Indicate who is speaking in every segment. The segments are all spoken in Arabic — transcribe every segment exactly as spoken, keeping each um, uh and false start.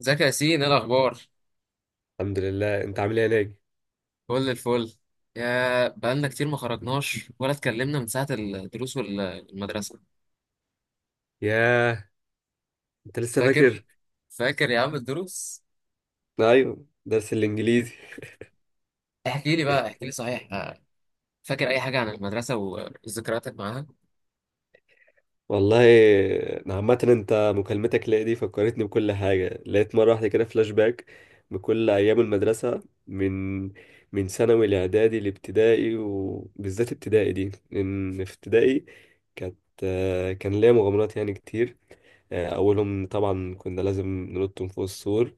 Speaker 1: ازيك يا ياسين، ايه الاخبار؟
Speaker 2: الحمد لله، انت عامل ايه يا ناجي؟
Speaker 1: كل الفل. يا بقالنا كتير ما خرجناش ولا اتكلمنا من ساعه الدروس والمدرسه.
Speaker 2: ياه، انت لسه
Speaker 1: فاكر
Speaker 2: فاكر؟
Speaker 1: فاكر يا عم الدروس.
Speaker 2: ايوه، درس الانجليزي.
Speaker 1: احكي لي بقى، احكي لي. صحيح؟ آه، فاكر اي حاجه عن المدرسه وذكرياتك معاها؟
Speaker 2: والله انا عامه، انت مكالمتك ليا دي فكرتني بكل حاجه، لقيت مره واحده كده فلاش باك بكل ايام المدرسه، من من ثانوي لاعدادي لابتدائي، وبالذات ابتدائي دي، لان في ابتدائي كانت كان ليا مغامرات يعني كتير. آه، أولهم طبعا كنا لازم ننط من فوق السور.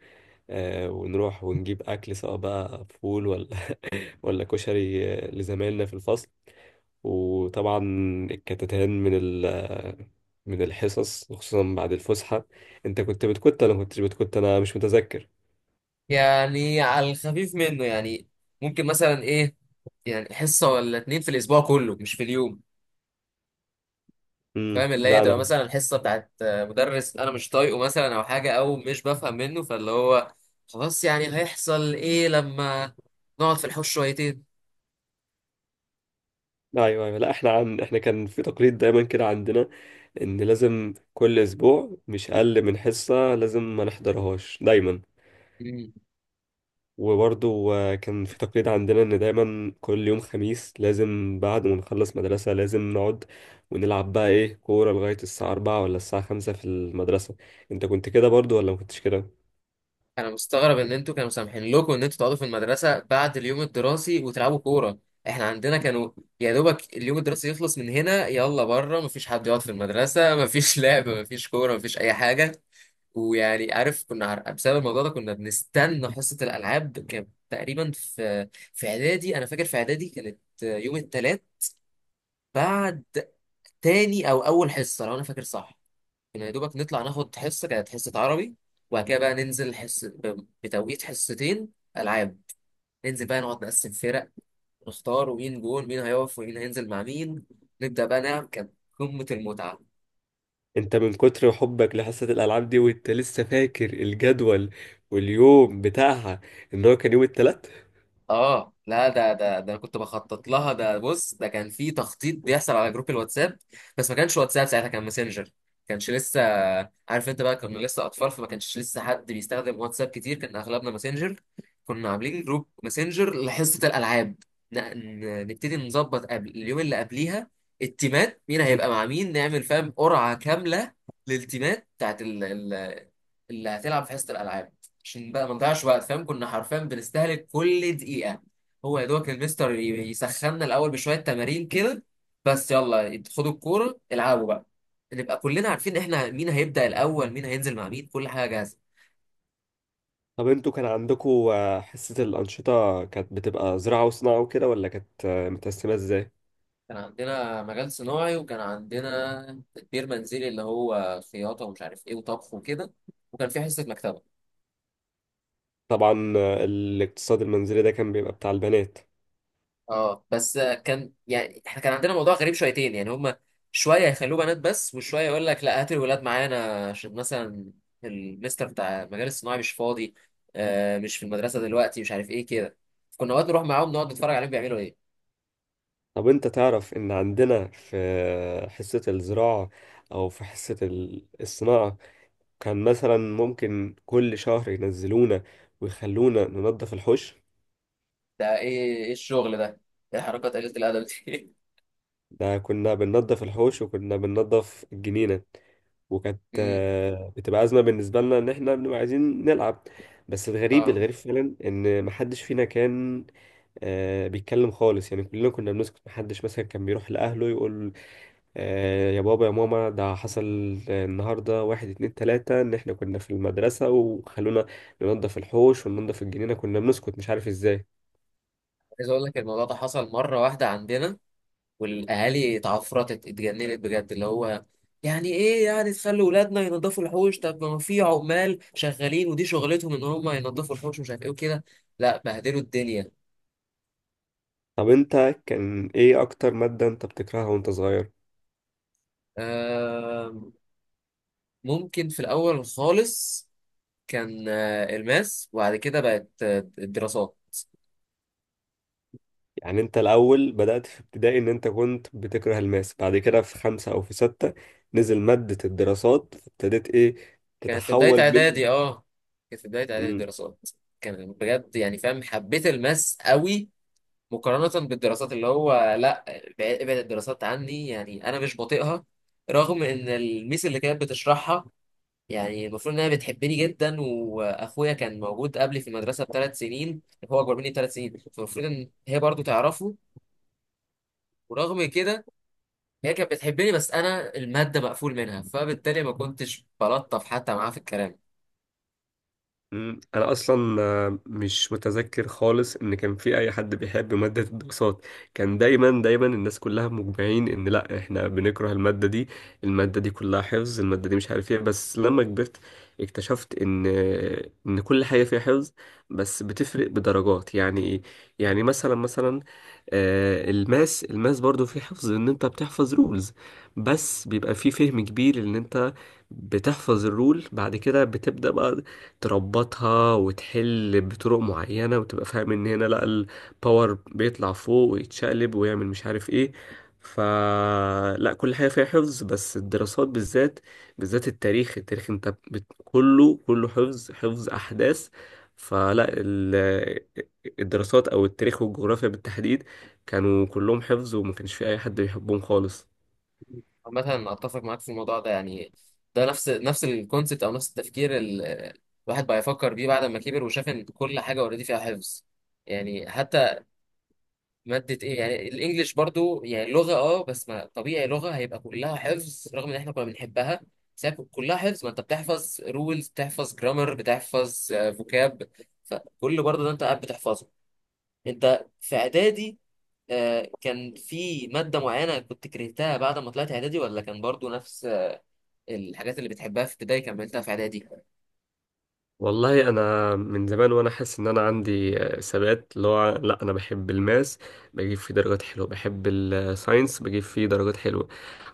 Speaker 2: آه، ونروح ونجيب أكل، سواء بقى فول ولا ولا كشري، آه، لزمايلنا في الفصل. وطبعا الكتتان من ال آه، من الحصص، خصوصا بعد الفسحة. انت كنت بتكت؟ انا ما كنتش بتكت، انا مش متذكر.
Speaker 1: يعني على الخفيف منه، يعني ممكن مثلا ايه، يعني حصه ولا اتنين في الاسبوع كله، مش في اليوم. فاهم،
Speaker 2: امم
Speaker 1: اللي هي
Speaker 2: لا انا.
Speaker 1: تبقى مثلا الحصه بتاعت مدرس انا مش طايقه مثلا، او حاجه او مش بفهم منه، فاللي هو خلاص يعني هيحصل ايه لما نقعد في الحوش شويتين.
Speaker 2: لا، ايوه ايوه، لا، احنا عن احنا كان في تقليد دايما كده عندنا، ان لازم كل اسبوع مش اقل من حصة لازم ما نحضرهاش دايما.
Speaker 1: مم.
Speaker 2: وبرضو آه، كان في تقليد عندنا، إن دايما كل يوم خميس لازم بعد ما نخلص مدرسة لازم نقعد ونلعب بقى إيه كورة لغاية الساعة أربعة ولا الساعة خمسة في المدرسة. أنت كنت كده برضو ولا ما كنتش كده؟
Speaker 1: انا مستغرب ان انتوا كانوا سامحين لكم ان انتوا تقعدوا في المدرسه بعد اليوم الدراسي وتلعبوا كوره. احنا عندنا كانوا يا دوبك اليوم الدراسي يخلص من هنا، يلا بره، مفيش حد يقعد في المدرسه، مفيش لعب، مفيش كوره، مفيش اي حاجه. ويعني عارف، كنا عر- بسبب الموضوع ده كنا بنستنى حصة الألعاب. كانت تقريبا في في إعدادي، أنا فاكر في إعدادي كانت يوم التلات، بعد تاني أو أول حصة لو أنا فاكر صح. كنا يا دوبك نطلع ناخد حصة، كانت حصة عربي، وبعد كده بقى ننزل حص ب- بتوقيت حصتين ألعاب. ننزل بقى نقعد نقسم فرق ونختار، ومين جون، مين هيقف، ومين هينزل مع مين. نبدأ بقى نلعب. كانت قمة المتعة.
Speaker 2: أنت من كتر حبك لحصة الألعاب دي وأنت لسه فاكر الجدول واليوم بتاعها، إن هو كان يوم التلات؟
Speaker 1: اه لا، ده ده ده أنا كنت بخطط لها. ده بص، ده كان في تخطيط بيحصل على جروب الواتساب. بس ما كانش واتساب ساعتها، كان ماسنجر. كانش لسه، عارف انت بقى، كنا لسه اطفال، فما كانش لسه حد بيستخدم واتساب كتير، كان اغلبنا ماسنجر. كنا عاملين جروب ماسنجر لحصة الالعاب. ن- ن- نبتدي نظبط قبل اليوم اللي قبليها التيمات، مين هيبقى مع مين، نعمل فاهم قرعة كاملة للتيمات بتاعت ال- ال- اللي هتلعب في حصة الالعاب، عشان بقى ما نضيعش وقت. فاهم كنا حرفيا بنستهلك كل دقيقة. هو يا دوبك المستر ي- يسخننا الأول بشوية تمارين كده، بس يلا خدوا الكورة العبوا بقى، نبقى كلنا عارفين احنا مين هيبدأ الأول، مين هينزل مع مين، كل حاجة جاهزة.
Speaker 2: طب أنتوا كان عندكوا آه، حصة الأنشطة، كانت بتبقى زراعة وصناعة وكده، ولا كانت آه، متقسمة إزاي؟
Speaker 1: كان عندنا مجال صناعي، وكان عندنا تدبير منزلي اللي هو خياطة ومش عارف ايه وطبخ وكده، وكان في حصة مكتبة.
Speaker 2: طبعا آه، الاقتصاد المنزلي ده كان بيبقى بتاع البنات.
Speaker 1: اه بس كان يعني احنا كان عندنا موضوع غريب شويتين، يعني هما شويه يخلوه بنات بس، وشويه يقول لك لا هات الولاد معانا عشان مثلا المستر بتاع المجال الصناعي مش فاضي، آه مش في المدرسه دلوقتي، مش عارف ايه كده. كنا اوقات نروح معاهم نقعد نتفرج عليهم بيعملوا ايه.
Speaker 2: طب انت تعرف ان عندنا في حصة الزراعة او في حصة ال- الصناعة، كان مثلا ممكن كل شهر ينزلونا ويخلونا ننظف الحوش.
Speaker 1: ده ايه، ايه الشغل ده، ايه حركات قليله الادب دي!
Speaker 2: ده كنا بننظف الحوش وكنا بننظف الجنينة، وكانت
Speaker 1: امم.
Speaker 2: آه، بتبقى أزمة بالنسبة لنا ان احنا بنبقى عايزين نلعب. بس الغريب،
Speaker 1: اه
Speaker 2: الغريب فعلا، ان محدش فينا كان آه، بيتكلم خالص، يعني كلنا كنا بنسكت، محدش مثلا كان بيروح لأهله يقول آه، يا بابا يا ماما، ده حصل النهاردة واحد اتنين تلاتة، إن إحنا كنا في المدرسة وخلونا ننضف الحوش وننضف الجنينة. كنا بنسكت مش عارف إزاي.
Speaker 1: عايز اقول لك الموضوع ده حصل مره واحده عندنا، والاهالي اتعفرتت اتجننت بجد، اللي هو يعني ايه يعني تخلي ولادنا ينظفوا الحوش، طب ما في عمال شغالين ودي شغلتهم ان هم ينظفوا الحوش ومش عارف ايه وكده. لا بهدلوا الدنيا.
Speaker 2: طب أنت كان إيه أكتر مادة أنت بتكرهها وأنت صغير؟
Speaker 1: آم، ممكن في الاول خالص كان آه، الماس، وبعد كده بقت آه، الدراسات.
Speaker 2: يعني أنت الأول بدأت في ابتدائي إن أنت كنت بتكره الماس، بعد كده في خمسة أو في ستة نزل مادة الدراسات، ابتديت إيه
Speaker 1: كانت في بداية
Speaker 2: تتحول من...
Speaker 1: اعدادي اه كانت في بداية اعدادي
Speaker 2: مم.
Speaker 1: الدراسات. كان بجد يعني فاهم، حبيت الماس قوي مقارنة بالدراسات، اللي هو لا، ابعد ابعد الدراسات عني. يعني أنا مش بطيقها رغم إن الميس اللي كانت بتشرحها، يعني المفروض إنها بتحبني جدا، وأخويا كان موجود قبلي في المدرسة بثلاث سنين، هو أكبر مني بثلاث سنين، فالمفروض إن هي برضو تعرفه. ورغم كده هي كانت بتحبني، بس أنا المادة مقفول منها، فبالتالي ما كنتش بلطف حتى معاها في الكلام.
Speaker 2: مم. انا اصلا آه، مش متذكر خالص ان كان في اي حد بيحب ماده الدراسات. كان دايما دايما الناس كلها مجمعين ان لا، احنا بنكره الماده دي، الماده دي كلها حفظ، الماده دي مش عارف ايه. بس لما كبرت اكتشفت ان ان كل حاجه فيها حفظ، بس بتفرق بدرجات. يعني ايه؟ يعني مثلا مثلا آه، الماس الماس برضو فيه حفظ، ان انت بتحفظ رولز، بس بيبقى فيه فهم كبير، ان انت بتحفظ الرول بعد كده بتبدأ بقى تربطها وتحل بطرق معينة وتبقى فاهم ان هنا لا الباور بيطلع فوق ويتشقلب ويعمل مش عارف ايه. فلا كل حاجة فيها حفظ، بس الدراسات بالذات، بالذات التاريخ. التاريخ انت بت... كله كله حفظ، حفظ احداث. فلا ال... الدراسات او التاريخ والجغرافيا بالتحديد، كانوا كلهم حفظ وما كانش في اي حد بيحبهم خالص.
Speaker 1: مثلا اتفق معاك في الموضوع ده يعني، ده نفس نفس الكونسيبت او نفس التفكير ال- الواحد بقى يفكر بيه بعد ما كبر وشاف ان كل حاجه اوريدي فيها حفظ. يعني حتى ماده ايه، يعني الانجليش برضو يعني لغه، اه بس ما طبيعي لغه هيبقى كلها حفظ رغم ان احنا كنا بنحبها. بس هي كلها حفظ، ما انت بتحفظ رولز، بتحفظ جرامر، بتحفظ فوكاب، فكل برضو ده انت قاعد بتحفظه. انت في اعدادي آه، كان في ماده معينه كنت كرهتها بعد ما طلعت اعدادي، ولا كان برضو نفس الحاجات اللي بتحبها في ابتدائي كملتها في اعدادي؟
Speaker 2: والله انا من زمان وانا حاسس ان انا عندي آه، ثبات، اللي هو لا انا بحب الماس بجيب فيه درجات حلوه، بحب الساينس بجيب فيه درجات حلوه،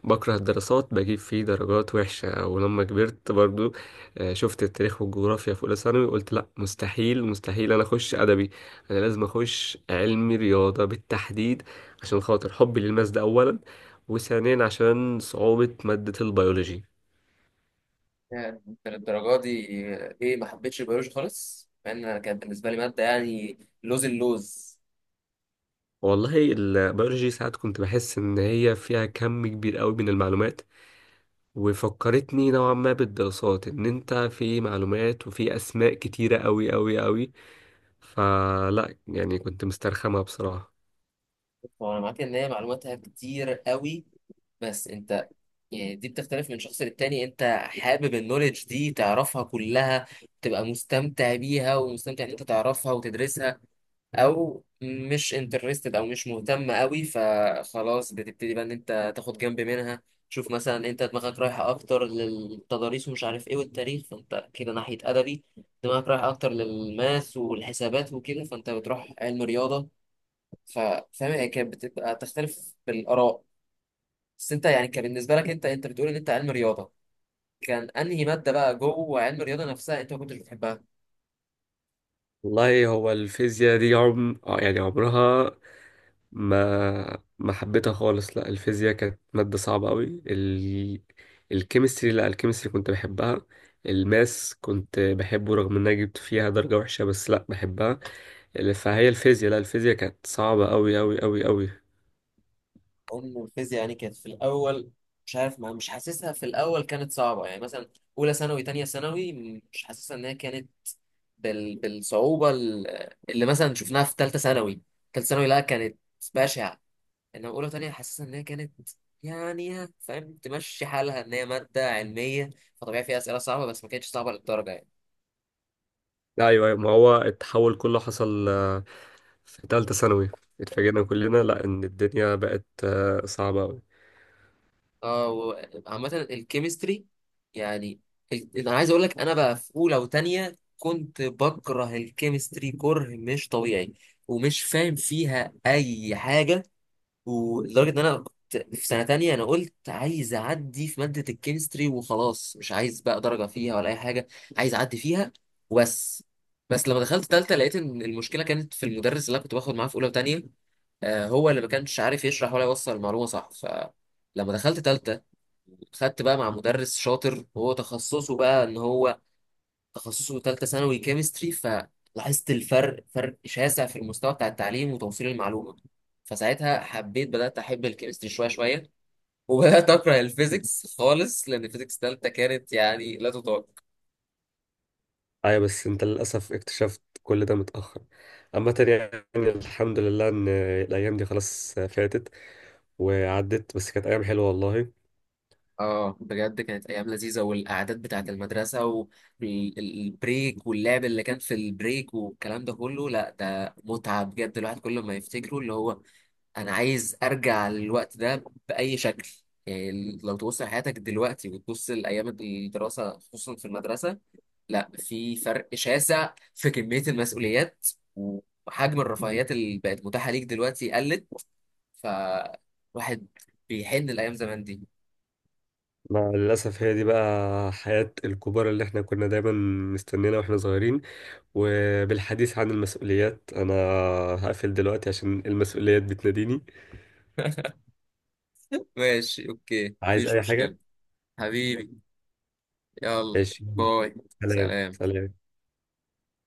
Speaker 2: بكره الدراسات بجيب فيه درجات وحشه. ولما كبرت برضو آه، شفت التاريخ والجغرافيا في اولى ثانوي قلت لا، مستحيل مستحيل انا اخش ادبي، انا لازم اخش علمي رياضه بالتحديد، عشان خاطر حبي للماس ده اولا، وثانيا عشان صعوبه ماده البيولوجي.
Speaker 1: يعني انت للدرجه دي، ايه، ما حبيتش البيولوجي خالص؟ مع ان أنا كانت بالنسبه لي ماده يعني لوز اللوز.
Speaker 2: والله البيولوجي ساعات كنت بحس إن هي فيها كم كبير قوي من المعلومات، وفكرتني نوعا ما بالدراسات، إن أنت في معلومات وفي أسماء كتيرة قوي قوي قوي. فلا يعني كنت مسترخمها بصراحة.
Speaker 1: وانا معاك ان هي معلوماتها كتير قوي، بس انت يعني دي بتختلف من شخص للتاني. انت حابب النولج دي تعرفها كلها، تبقى مستمتع بيها ومستمتع ان انت تعرفها وتدرسها، او مش انترستد او مش مهتم قوي، فخلاص بتبتدي بقى ان انت تاخد جنب منها. تشوف مثلا انت دماغك رايحه اكتر للتضاريس ومش عارف ايه والتاريخ، فانت كده ناحيه ادبي. دماغك رايحه اكتر للماث والحسابات وكده، فانت بتروح علم رياضه. ففاهم هي كانت بتبقى تختلف بالاراء. بس انت يعني كان بالنسبه لك، انت انت بتقول ان انت علم رياضه، كان انهي ماده بقى جوه علم الرياضه نفسها انت ما كنتش بتحبها؟
Speaker 2: والله هو الفيزياء دي عم آه يعني عمرها ما ما حبيتها خالص. لا الفيزياء كانت مادة صعبة قوي ال... الكيمستري. لا، الكيمستري كنت بحبها، الماس كنت بحبه رغم ان انا جبت فيها درجة وحشة بس لا بحبها. فهي الفيزياء، لا الفيزياء كانت صعبة قوي قوي قوي قوي.
Speaker 1: ام الفيزياء يعني كانت في الاول، مش عارف، ما مش حاسسها في الاول كانت صعبه، يعني مثلا اولى ثانوي تانية ثانوي مش حاسسها ان هي كانت بال... بالصعوبه ال- اللي مثلا شفناها في ثالثه ثانوي. ثالثه ثانوي لا، كانت بشعه. انما اولى وتانية حاسسها ان هي كانت يعني ها، فاهم، تمشي حالها ان هي ماده علميه، فطبيعي فيها اسئله صعبه، بس ما كانتش صعبه للدرجه يعني.
Speaker 2: لا، ايوه أيوة، ما هو التحول كله حصل آه، في تالتة ثانوي اتفاجئنا كلنا، لا ان الدنيا بقت آه، صعبة قوي.
Speaker 1: اه و- عامة الكيمستري يعني، ال- انا عايز اقول لك، انا بقى في اولى وتانية كنت بكره الكيمستري كره مش طبيعي ومش فاهم فيها اي حاجة، ولدرجة ان انا كنت في سنة تانية انا قلت عايز اعدي في مادة الكيمستري وخلاص، مش عايز بقى درجة فيها ولا اي حاجة، عايز اعدي فيها وبس. بس لما دخلت تالتة لقيت ان المشكلة كانت في المدرس اللي انا كنت باخد معاه في اولى وتانية، آه، هو اللي ما كانش عارف يشرح ولا يوصل المعلومة صح. ف لما دخلت تالتة خدت بقى مع مدرس شاطر، هو تخصصه بقى ان هو تخصصه ثالثه ثانوي كيمستري، فلاحظت الفرق، فرق شاسع في المستوى بتاع التعليم وتوصيل المعلومه، فساعتها حبيت، بدات احب الكيمستري شويه شويه، وبدات اكره الفيزيكس خالص، لان الفيزيكس ثالثه كانت يعني لا تطاق.
Speaker 2: ايوه، بس انت للأسف اكتشفت كل ده متأخر. اما تاني يعني الحمد لله ان الايام دي خلاص فاتت وعدت، بس كانت أيام حلوة والله.
Speaker 1: اه بجد كانت ايام لذيذه، والقعدات بتاعه المدرسه والبريك واللعب اللي كان في البريك والكلام ده كله، لا ده متعه بجد. الواحد كل ما يفتكره اللي هو، انا عايز ارجع للوقت ده باي شكل. يعني لو تبص لحياتك دلوقتي وتبص لايام الدراسه خصوصا في المدرسه، لا في فرق شاسع في كميه المسؤوليات وحجم الرفاهيات اللي بقت متاحه ليك دلوقتي قلت، فواحد بيحن الايام زمان دي.
Speaker 2: مع الأسف هي دي بقى حياة الكبار اللي احنا كنا دايما مستنينا واحنا صغيرين. وبالحديث عن المسؤوليات، أنا هقفل دلوقتي عشان المسؤوليات بتناديني.
Speaker 1: ماشي، اوكي،
Speaker 2: عايز
Speaker 1: مفيش
Speaker 2: أي
Speaker 1: مشكله،
Speaker 2: حاجة؟
Speaker 1: حبيبي، يلا،
Speaker 2: ماشي.
Speaker 1: باي،
Speaker 2: سلام
Speaker 1: سلام.
Speaker 2: سلام.